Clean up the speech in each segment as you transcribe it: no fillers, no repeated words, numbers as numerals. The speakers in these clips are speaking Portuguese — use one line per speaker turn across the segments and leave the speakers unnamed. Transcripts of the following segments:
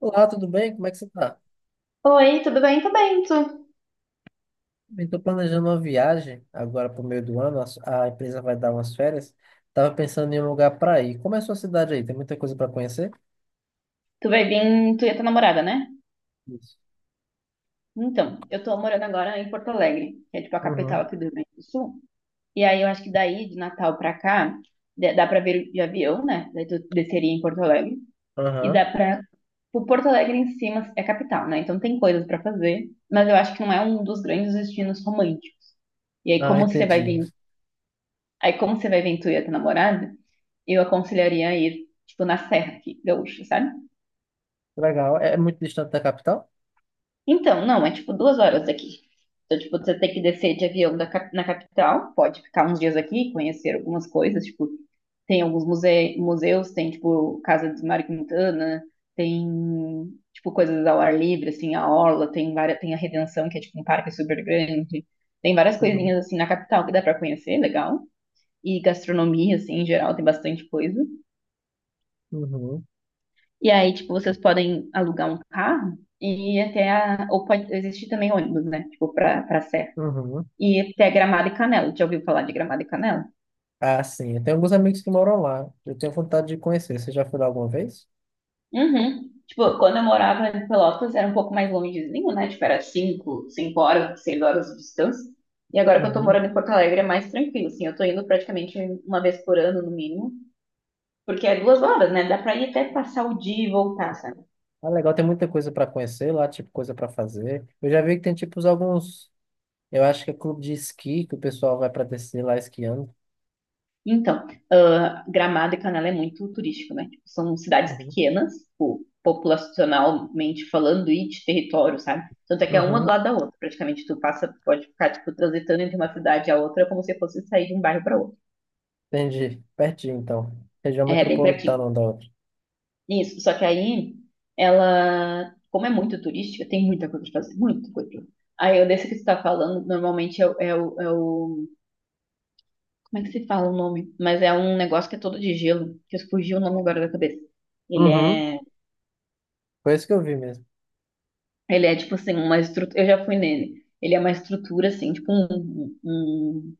Olá, tudo bem? Como é que você está?
Oi, tudo bem? Tudo bem, tu?
Estou planejando uma viagem agora para o meio do ano. A empresa vai dar umas férias. Tava pensando em um lugar para ir. Como é a sua cidade aí? Tem muita coisa para conhecer?
Tu vai vir, tu e a tua namorada, né?
Isso.
Então, eu tô morando agora em Porto Alegre, que é tipo a capital
Uhum.
aqui do Rio Grande do Sul. E aí eu acho que daí, de Natal pra cá, dá pra vir de avião, né? Daí tu desceria em Porto Alegre. E
Aham.
dá pra... O Porto Alegre em cima é capital, né? Então tem coisas pra fazer, mas eu acho que não é um dos grandes destinos românticos. E aí
Ah,
como você vai
entendi.
vir... Aí como você vai vir tu e a tua namorada, eu aconselharia a ir, tipo, na Serra aqui, gaúcha, sabe?
Legal. É muito distante da capital?
Então, não, é tipo duas horas daqui. Então, tipo, você tem que descer de avião da na capital, pode ficar uns dias aqui, conhecer algumas coisas, tipo, tem alguns museus, tem, tipo, Casa de Mário Quintana, tem, tipo, coisas ao ar livre, assim, a Orla, tem várias, tem a Redenção, que é, tipo, um parque super grande. Tem várias
Uhum.
coisinhas, assim, na capital que dá pra conhecer, legal. E gastronomia, assim, em geral, tem bastante coisa.
Uhum.
E aí, tipo, vocês podem alugar um carro e ir até a. Ou pode existir também ônibus, né? Tipo, pra Serra.
Uhum.
E ir até Gramado e Canela. Já ouviu falar de Gramado e Canela?
Ah, sim. Eu tenho alguns amigos que moram lá. Eu tenho vontade de conhecer. Você já foi lá alguma vez?
Uhum. Tipo, quando eu morava em Pelotas, era um pouco mais longezinho, né? Tipo, era 5 5 horas, 6 horas de distância. E agora que eu tô
Uhum.
morando em Porto Alegre, é mais tranquilo, assim. Eu tô indo praticamente uma vez por ano, no mínimo. Porque é duas horas, né? Dá pra ir até passar o dia e voltar, sabe?
Ah, legal, tem muita coisa para conhecer lá, tipo, coisa para fazer. Eu já vi que tem, tipo, alguns. Eu acho que é clube de esqui que o pessoal vai para descer lá esquiando.
Então, ah, Gramado e Canela é muito turístico, né? Tipo, são cidades
Uhum.
pequenas, tipo, populacionalmente falando, e de território, sabe? Tanto é que é uma do
Uhum.
lado da outra, praticamente. Tu passa, pode ficar, tipo, transitando entre uma cidade e a outra, como se fosse sair de um bairro para outro.
Entendi. Pertinho, então. Região
É, bem
metropolitana
pertinho.
um da outra.
Isso, só que aí, ela, como é muito turística, tem muita coisa pra fazer, muita coisa. Aí, eu desse que você tá falando, normalmente é o... Como é que se fala o nome? Mas é um negócio que é todo de gelo, que fugiu o nome agora da cabeça. Ele
Uhum.
é...
Foi isso que eu vi mesmo.
Ele é tipo assim, uma estrutura. Eu já fui nele. Ele é uma estrutura, assim, tipo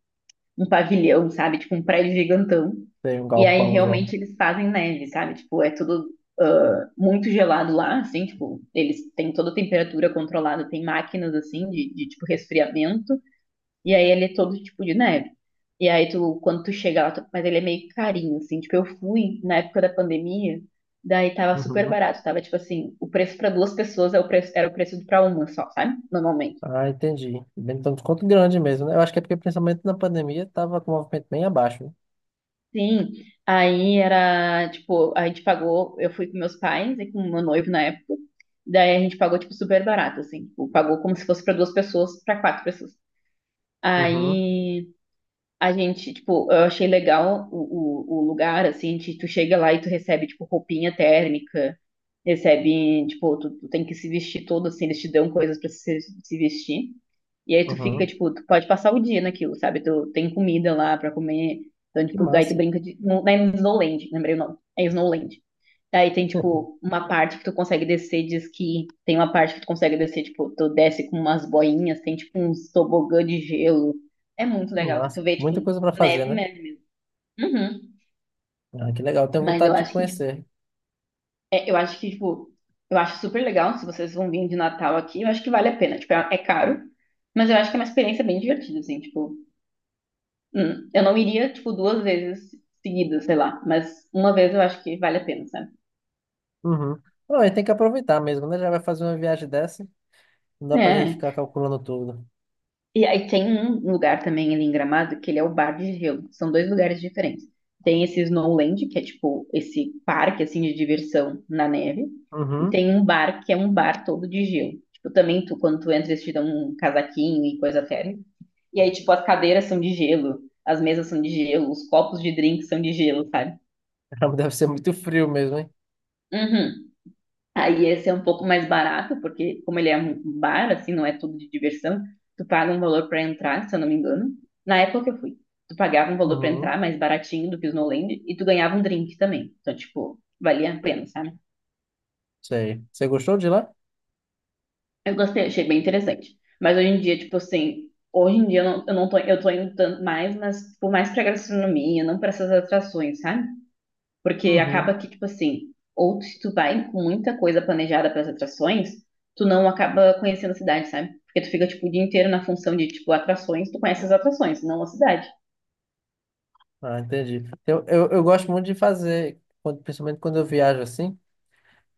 um pavilhão, sabe? Tipo um prédio gigantão.
Tem um
E aí
galpãozão.
realmente eles fazem neve, sabe? Tipo, é tudo muito gelado lá, assim, tipo, eles têm toda a temperatura controlada, tem máquinas assim de tipo resfriamento. E aí ele é todo tipo de neve. E aí tu, quando tu chega lá, mas ele é meio carinho, assim. Tipo, eu fui na época da pandemia, daí tava super
Uhum.
barato. Tava tipo assim, o preço pra duas pessoas é o preço, era o preço pra uma só, sabe? Normalmente.
Ah, entendi. Bem, então, desconto grande mesmo, né? Eu acho que é porque, principalmente na pandemia, tava com o movimento bem abaixo, né?
Sim. Aí era, tipo, a gente pagou, eu fui com meus pais e com meu noivo na época. Daí a gente pagou, tipo, super barato, assim. Tipo, pagou como se fosse pra duas pessoas, pra quatro pessoas.
Uhum.
Aí. A gente, tipo, eu achei legal o lugar, assim, de tu chega lá e tu recebe, tipo, roupinha térmica, recebe, tipo, tu tem que se vestir todo, assim, eles te dão coisas pra se vestir. E aí tu fica,
Uhum.
tipo, tu pode passar o dia naquilo, sabe? Tu tem comida lá pra comer. Então,
Que
tipo, aí tu
massa.
brinca de. Não, não é Snowland, lembrei o nome. É Snowland. Aí tem, tipo, uma parte que tu consegue descer diz que tem uma parte que tu consegue descer, tipo, tu desce com umas boinhas. Tem, tipo, uns tobogã de gelo. É muito
Que
legal.
massa.
Tu vê, tipo,
Muita coisa para fazer,
neve
né?
mesmo. Uhum.
Ah, que legal. Tenho
Mas eu
vontade de
acho que, tipo,
conhecer.
eu acho que, tipo, eu acho super legal. Se vocês vão vir de Natal aqui, eu acho que vale a pena. Tipo, é caro, mas eu acho que é uma experiência bem divertida, assim, tipo. Eu não iria, tipo, duas vezes seguidas, sei lá. Mas uma vez eu acho que vale a pena, sabe?
Uhum. Não, a tem que aproveitar mesmo, né? Já vai fazer uma viagem dessa, não dá pra gente
É.
ficar calculando tudo.
E aí tem um lugar também ali em Gramado, que ele é o Bar de Gelo. São dois lugares diferentes. Tem esse Snowland, que é tipo esse parque assim de diversão na neve, e
Uhum.
tem um bar que é um bar todo de gelo. Tipo, também tu, quando tu entra, eles te dão um casaquinho e coisa térmica. E aí, tipo, as cadeiras são de gelo, as mesas são de gelo, os copos de drink são de gelo, sabe?
Deve ser muito frio mesmo, hein?
Uhum. Aí esse é um pouco mais barato, porque como ele é um bar, assim, não é tudo de diversão, tu paga um valor para entrar, se eu não me engano. Na época que eu fui, tu pagava um valor para
Uhum.
entrar, mais baratinho do que o Snowland, e tu ganhava um drink também. Então, tipo, valia a pena, sabe?
Sei. Você gostou de lá?
Eu gostei, achei bem interessante. Mas hoje em dia, tipo assim, hoje em dia eu não tô, eu tô indo tanto mais, mas, tipo, mais pra gastronomia, não para essas atrações, sabe? Porque
Uhum.
acaba que, tipo assim, ou se tu vai com muita coisa planejada para as atrações, tu não acaba conhecendo a cidade, sabe? Porque tu fica, tipo, o dia inteiro na função de, tipo, atrações, tu conhece as atrações, não a cidade.
Ah, entendi. Eu gosto muito de fazer, principalmente quando eu viajo assim,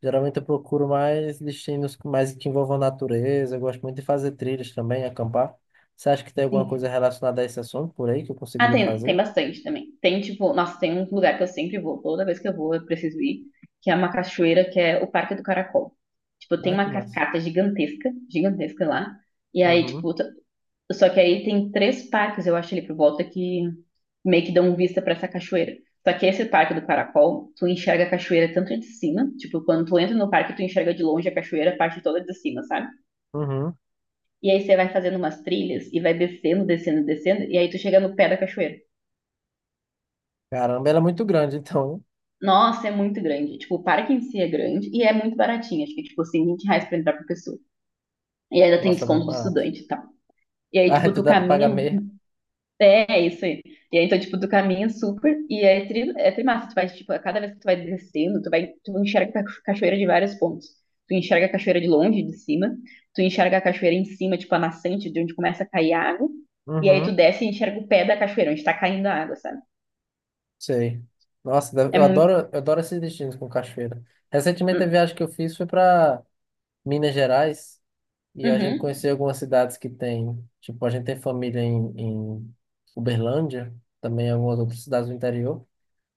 geralmente eu procuro mais destinos mais que envolvam natureza, eu gosto muito de fazer trilhas também, acampar. Você acha que tem alguma coisa
Sim.
relacionada a esse assunto por aí que eu
Ah,
conseguiria
tem, tem
fazer?
bastante também. Tem, tipo, nossa, tem um lugar que eu sempre vou, toda vez que eu vou, eu preciso ir, que é uma cachoeira, que é o Parque do Caracol. Tipo, tem
Ah, que
uma
massa.
cascata gigantesca, gigantesca lá. E aí,
Uhum.
tipo, só que aí tem três parques, eu acho, ali por volta que meio que dão vista pra essa cachoeira. Só que esse parque do Caracol, tu enxerga a cachoeira tanto de cima, tipo, quando tu entra no parque, tu enxerga de longe a cachoeira, a parte toda de cima, sabe?
Uhum.
E aí você vai fazendo umas trilhas e vai descendo, descendo, descendo, e aí tu chega no pé da cachoeira.
Caramba, ela é muito grande, então, né?
Nossa, é muito grande. Tipo, o parque em si é grande e é muito baratinho. Acho que, tipo, assim, R$ 20 pra entrar por pessoa. E ainda tem
Nossa, é muito
desconto de
barato.
estudante e tal. E aí,
Ah,
tipo,
tu
tu
dá pra pagar
caminha.
meia.
É, isso aí. E aí, então, tipo, tu caminha super e é, tri, é trimassa. Tu vai, tipo, a cada vez que tu vai descendo, tu vai, tu enxerga a cachoeira de vários pontos. Tu enxerga a cachoeira de longe, de cima. Tu enxerga a cachoeira em cima, tipo, a nascente, de onde começa a cair água. E aí tu
Uhum.
desce e enxerga o pé da cachoeira, onde tá caindo a água, sabe?
Sei.
É
Eu
muito...
adoro, eu adoro esses destinos com cachoeira. Recentemente a
Hum.
viagem que eu fiz foi pra Minas Gerais e a gente
Uhum.
conheceu algumas cidades que tem, tipo, a gente tem família em, em Uberlândia, também algumas outras cidades do interior.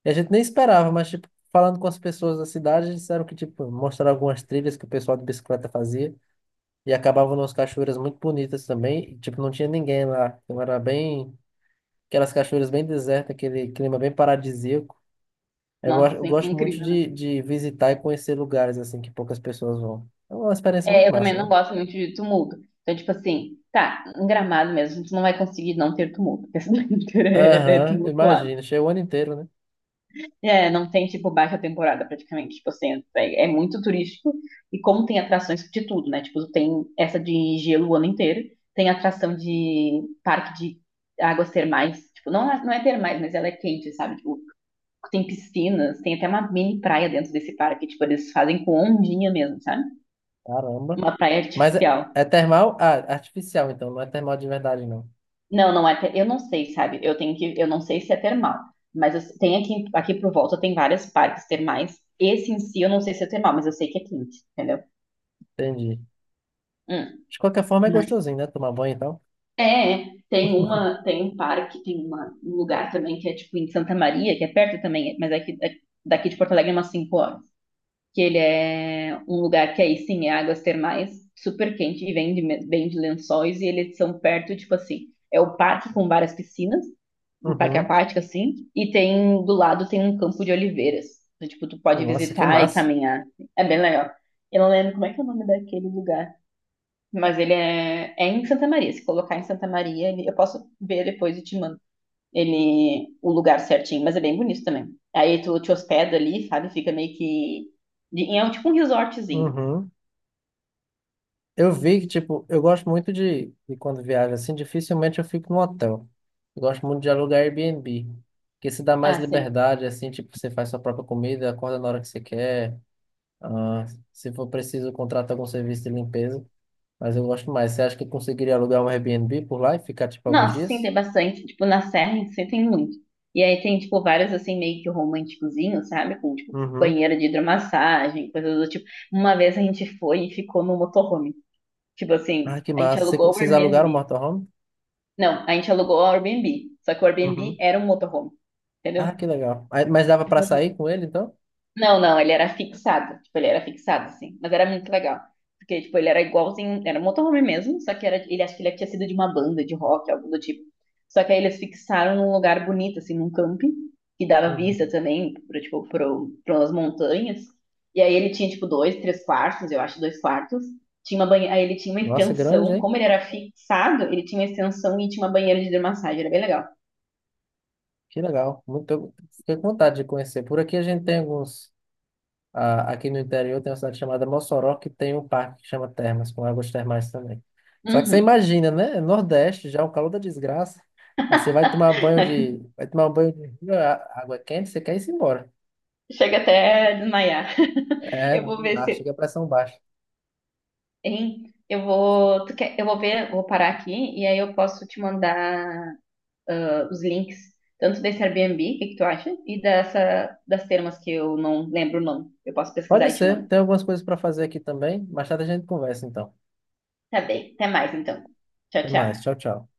E a gente nem esperava, mas tipo, falando com as pessoas da cidade, eles disseram que tipo, mostraram algumas trilhas que o pessoal de bicicleta fazia e acabavam nas cachoeiras muito bonitas também, e, tipo, não tinha ninguém lá. Então era bem aquelas cachoeiras bem desertas, aquele clima bem paradisíaco. É, eu
Nossa,
gosto, eu
assim, é
gosto muito
incrível, né?
de visitar e conhecer lugares assim que poucas pessoas vão. É uma experiência
É,
muito
eu também
massa,
não
né?
gosto muito de tumulto. Então, tipo assim, tá, em Gramado mesmo, tu não vai conseguir não ter tumulto. Porque a cidade inteira é
Aham,
tumultuada.
imagina. Cheio o ano inteiro, né?
É, não tem, tipo, baixa temporada praticamente. Tipo assim, é muito turístico. E como tem atrações de tudo, né? Tipo, tem essa de gelo o ano inteiro. Tem atração de parque de águas termais. Tipo, não, não é termais, mas ela é quente, sabe? Tipo, tem piscinas, tem até uma mini praia dentro desse parque. Tipo, eles fazem com ondinha mesmo, sabe?
Caramba.
Uma praia
Mas é,
artificial.
é termal? Ah, artificial, então. Não é termal de verdade, não.
Não, não é. Eu não sei, sabe? Eu tenho que. Eu não sei se é termal. Tem aqui, aqui por volta tem vários parques termais. Esse em si eu não sei se é termal, mas eu sei que é quente, entendeu?
Entendi.
Hum.
De qualquer forma, é
Mas
gostosinho, né? Tomar banho e tal.
Tem uma, tem um parque, um lugar também que é tipo em Santa Maria, que é perto também, mas é que é daqui de Porto Alegre é umas 5 horas. Que ele é um lugar que aí sim é águas termais, super quente e vem de lençóis e eles são perto, tipo assim, é o parque com várias piscinas. Um parque
Uhum.
aquático, assim, e tem do lado tem um campo de oliveiras. Então, tipo, tu pode
Nossa, que
visitar e
massa.
caminhar. É bem legal. Eu não lembro como é que é o nome daquele lugar, mas ele é em Santa Maria. Se colocar em Santa Maria, eu posso ver depois e te mando ele, o lugar certinho, mas é bem bonito também. Aí tu te hospeda ali, sabe? Fica meio que. É um, tipo um resortzinho.
Uhum. Eu vi que, tipo, eu gosto muito de quando viajo assim, dificilmente eu fico no hotel. Eu gosto muito de alugar Airbnb, porque se dá mais
Ah, sim.
liberdade, assim, tipo, você faz sua própria comida, acorda na hora que você quer. Ah, se for preciso, contrata algum serviço de limpeza. Mas eu gosto mais. Você acha que eu conseguiria alugar um Airbnb por lá e ficar, tipo, alguns
Nossa, sim,
dias?
tem bastante. Tipo, na Serra em si tem muito. E aí tem, tipo, vários, assim, meio que românticozinhos, sabe? Com, tipo,
Uhum.
banheiro de hidromassagem, coisas do tipo. Uma vez a gente foi e ficou no motorhome. Tipo assim,
Ah, que
a gente
massa.
alugou o
Vocês alugaram o
Airbnb.
motorhome?
Não, a gente alugou o Airbnb. Só que o Airbnb
Uhum.
era um motorhome,
Ah,
entendeu?
que legal. Mas dava pra
Tipo,
sair com ele, então?
não, não, ele era fixado. Tipo, ele era fixado, assim. Mas era muito legal. Porque, tipo, ele era igualzinho. Era um motorhome mesmo, só que era, ele acho que ele tinha sido de uma banda de rock, algo do tipo. Só que aí eles fixaram num lugar bonito, assim, num camping, que dava
Uhum.
vista também, pras montanhas. E aí ele tinha, tipo, dois, três quartos, eu acho, dois quartos. Tinha uma banheira. Aí ele tinha uma
Nossa, grande,
extensão.
hein?
Como ele era fixado, ele tinha uma extensão e tinha uma banheira de hidromassagem. Era bem legal.
Que legal. Muito, eu fiquei com vontade de conhecer. Por aqui a gente tem alguns. Ah, aqui no interior tem uma cidade chamada Mossoró, que tem um parque que chama Termas, com águas termais também. Só que você
Uhum.
imagina, né? Nordeste, já o calor da desgraça. Aí você vai tomar banho de. Vai tomar um banho de rio, água é quente, você quer ir embora.
Chega até a desmaiar.
É,
Eu vou
não
ver
dá,
se
chega a pressão baixa.
Hein? Tu quer, eu vou ver, vou parar aqui e aí eu posso te mandar os links, tanto desse Airbnb, o que que tu acha, e dessa, das termas que eu não lembro o nome. Eu posso pesquisar
Pode
e te
ser,
mando.
tem algumas coisas para fazer aqui também. Mais tarde a gente conversa então.
Tá bem, até mais então. Tchau,
Até mais,
tchau.
tchau, tchau.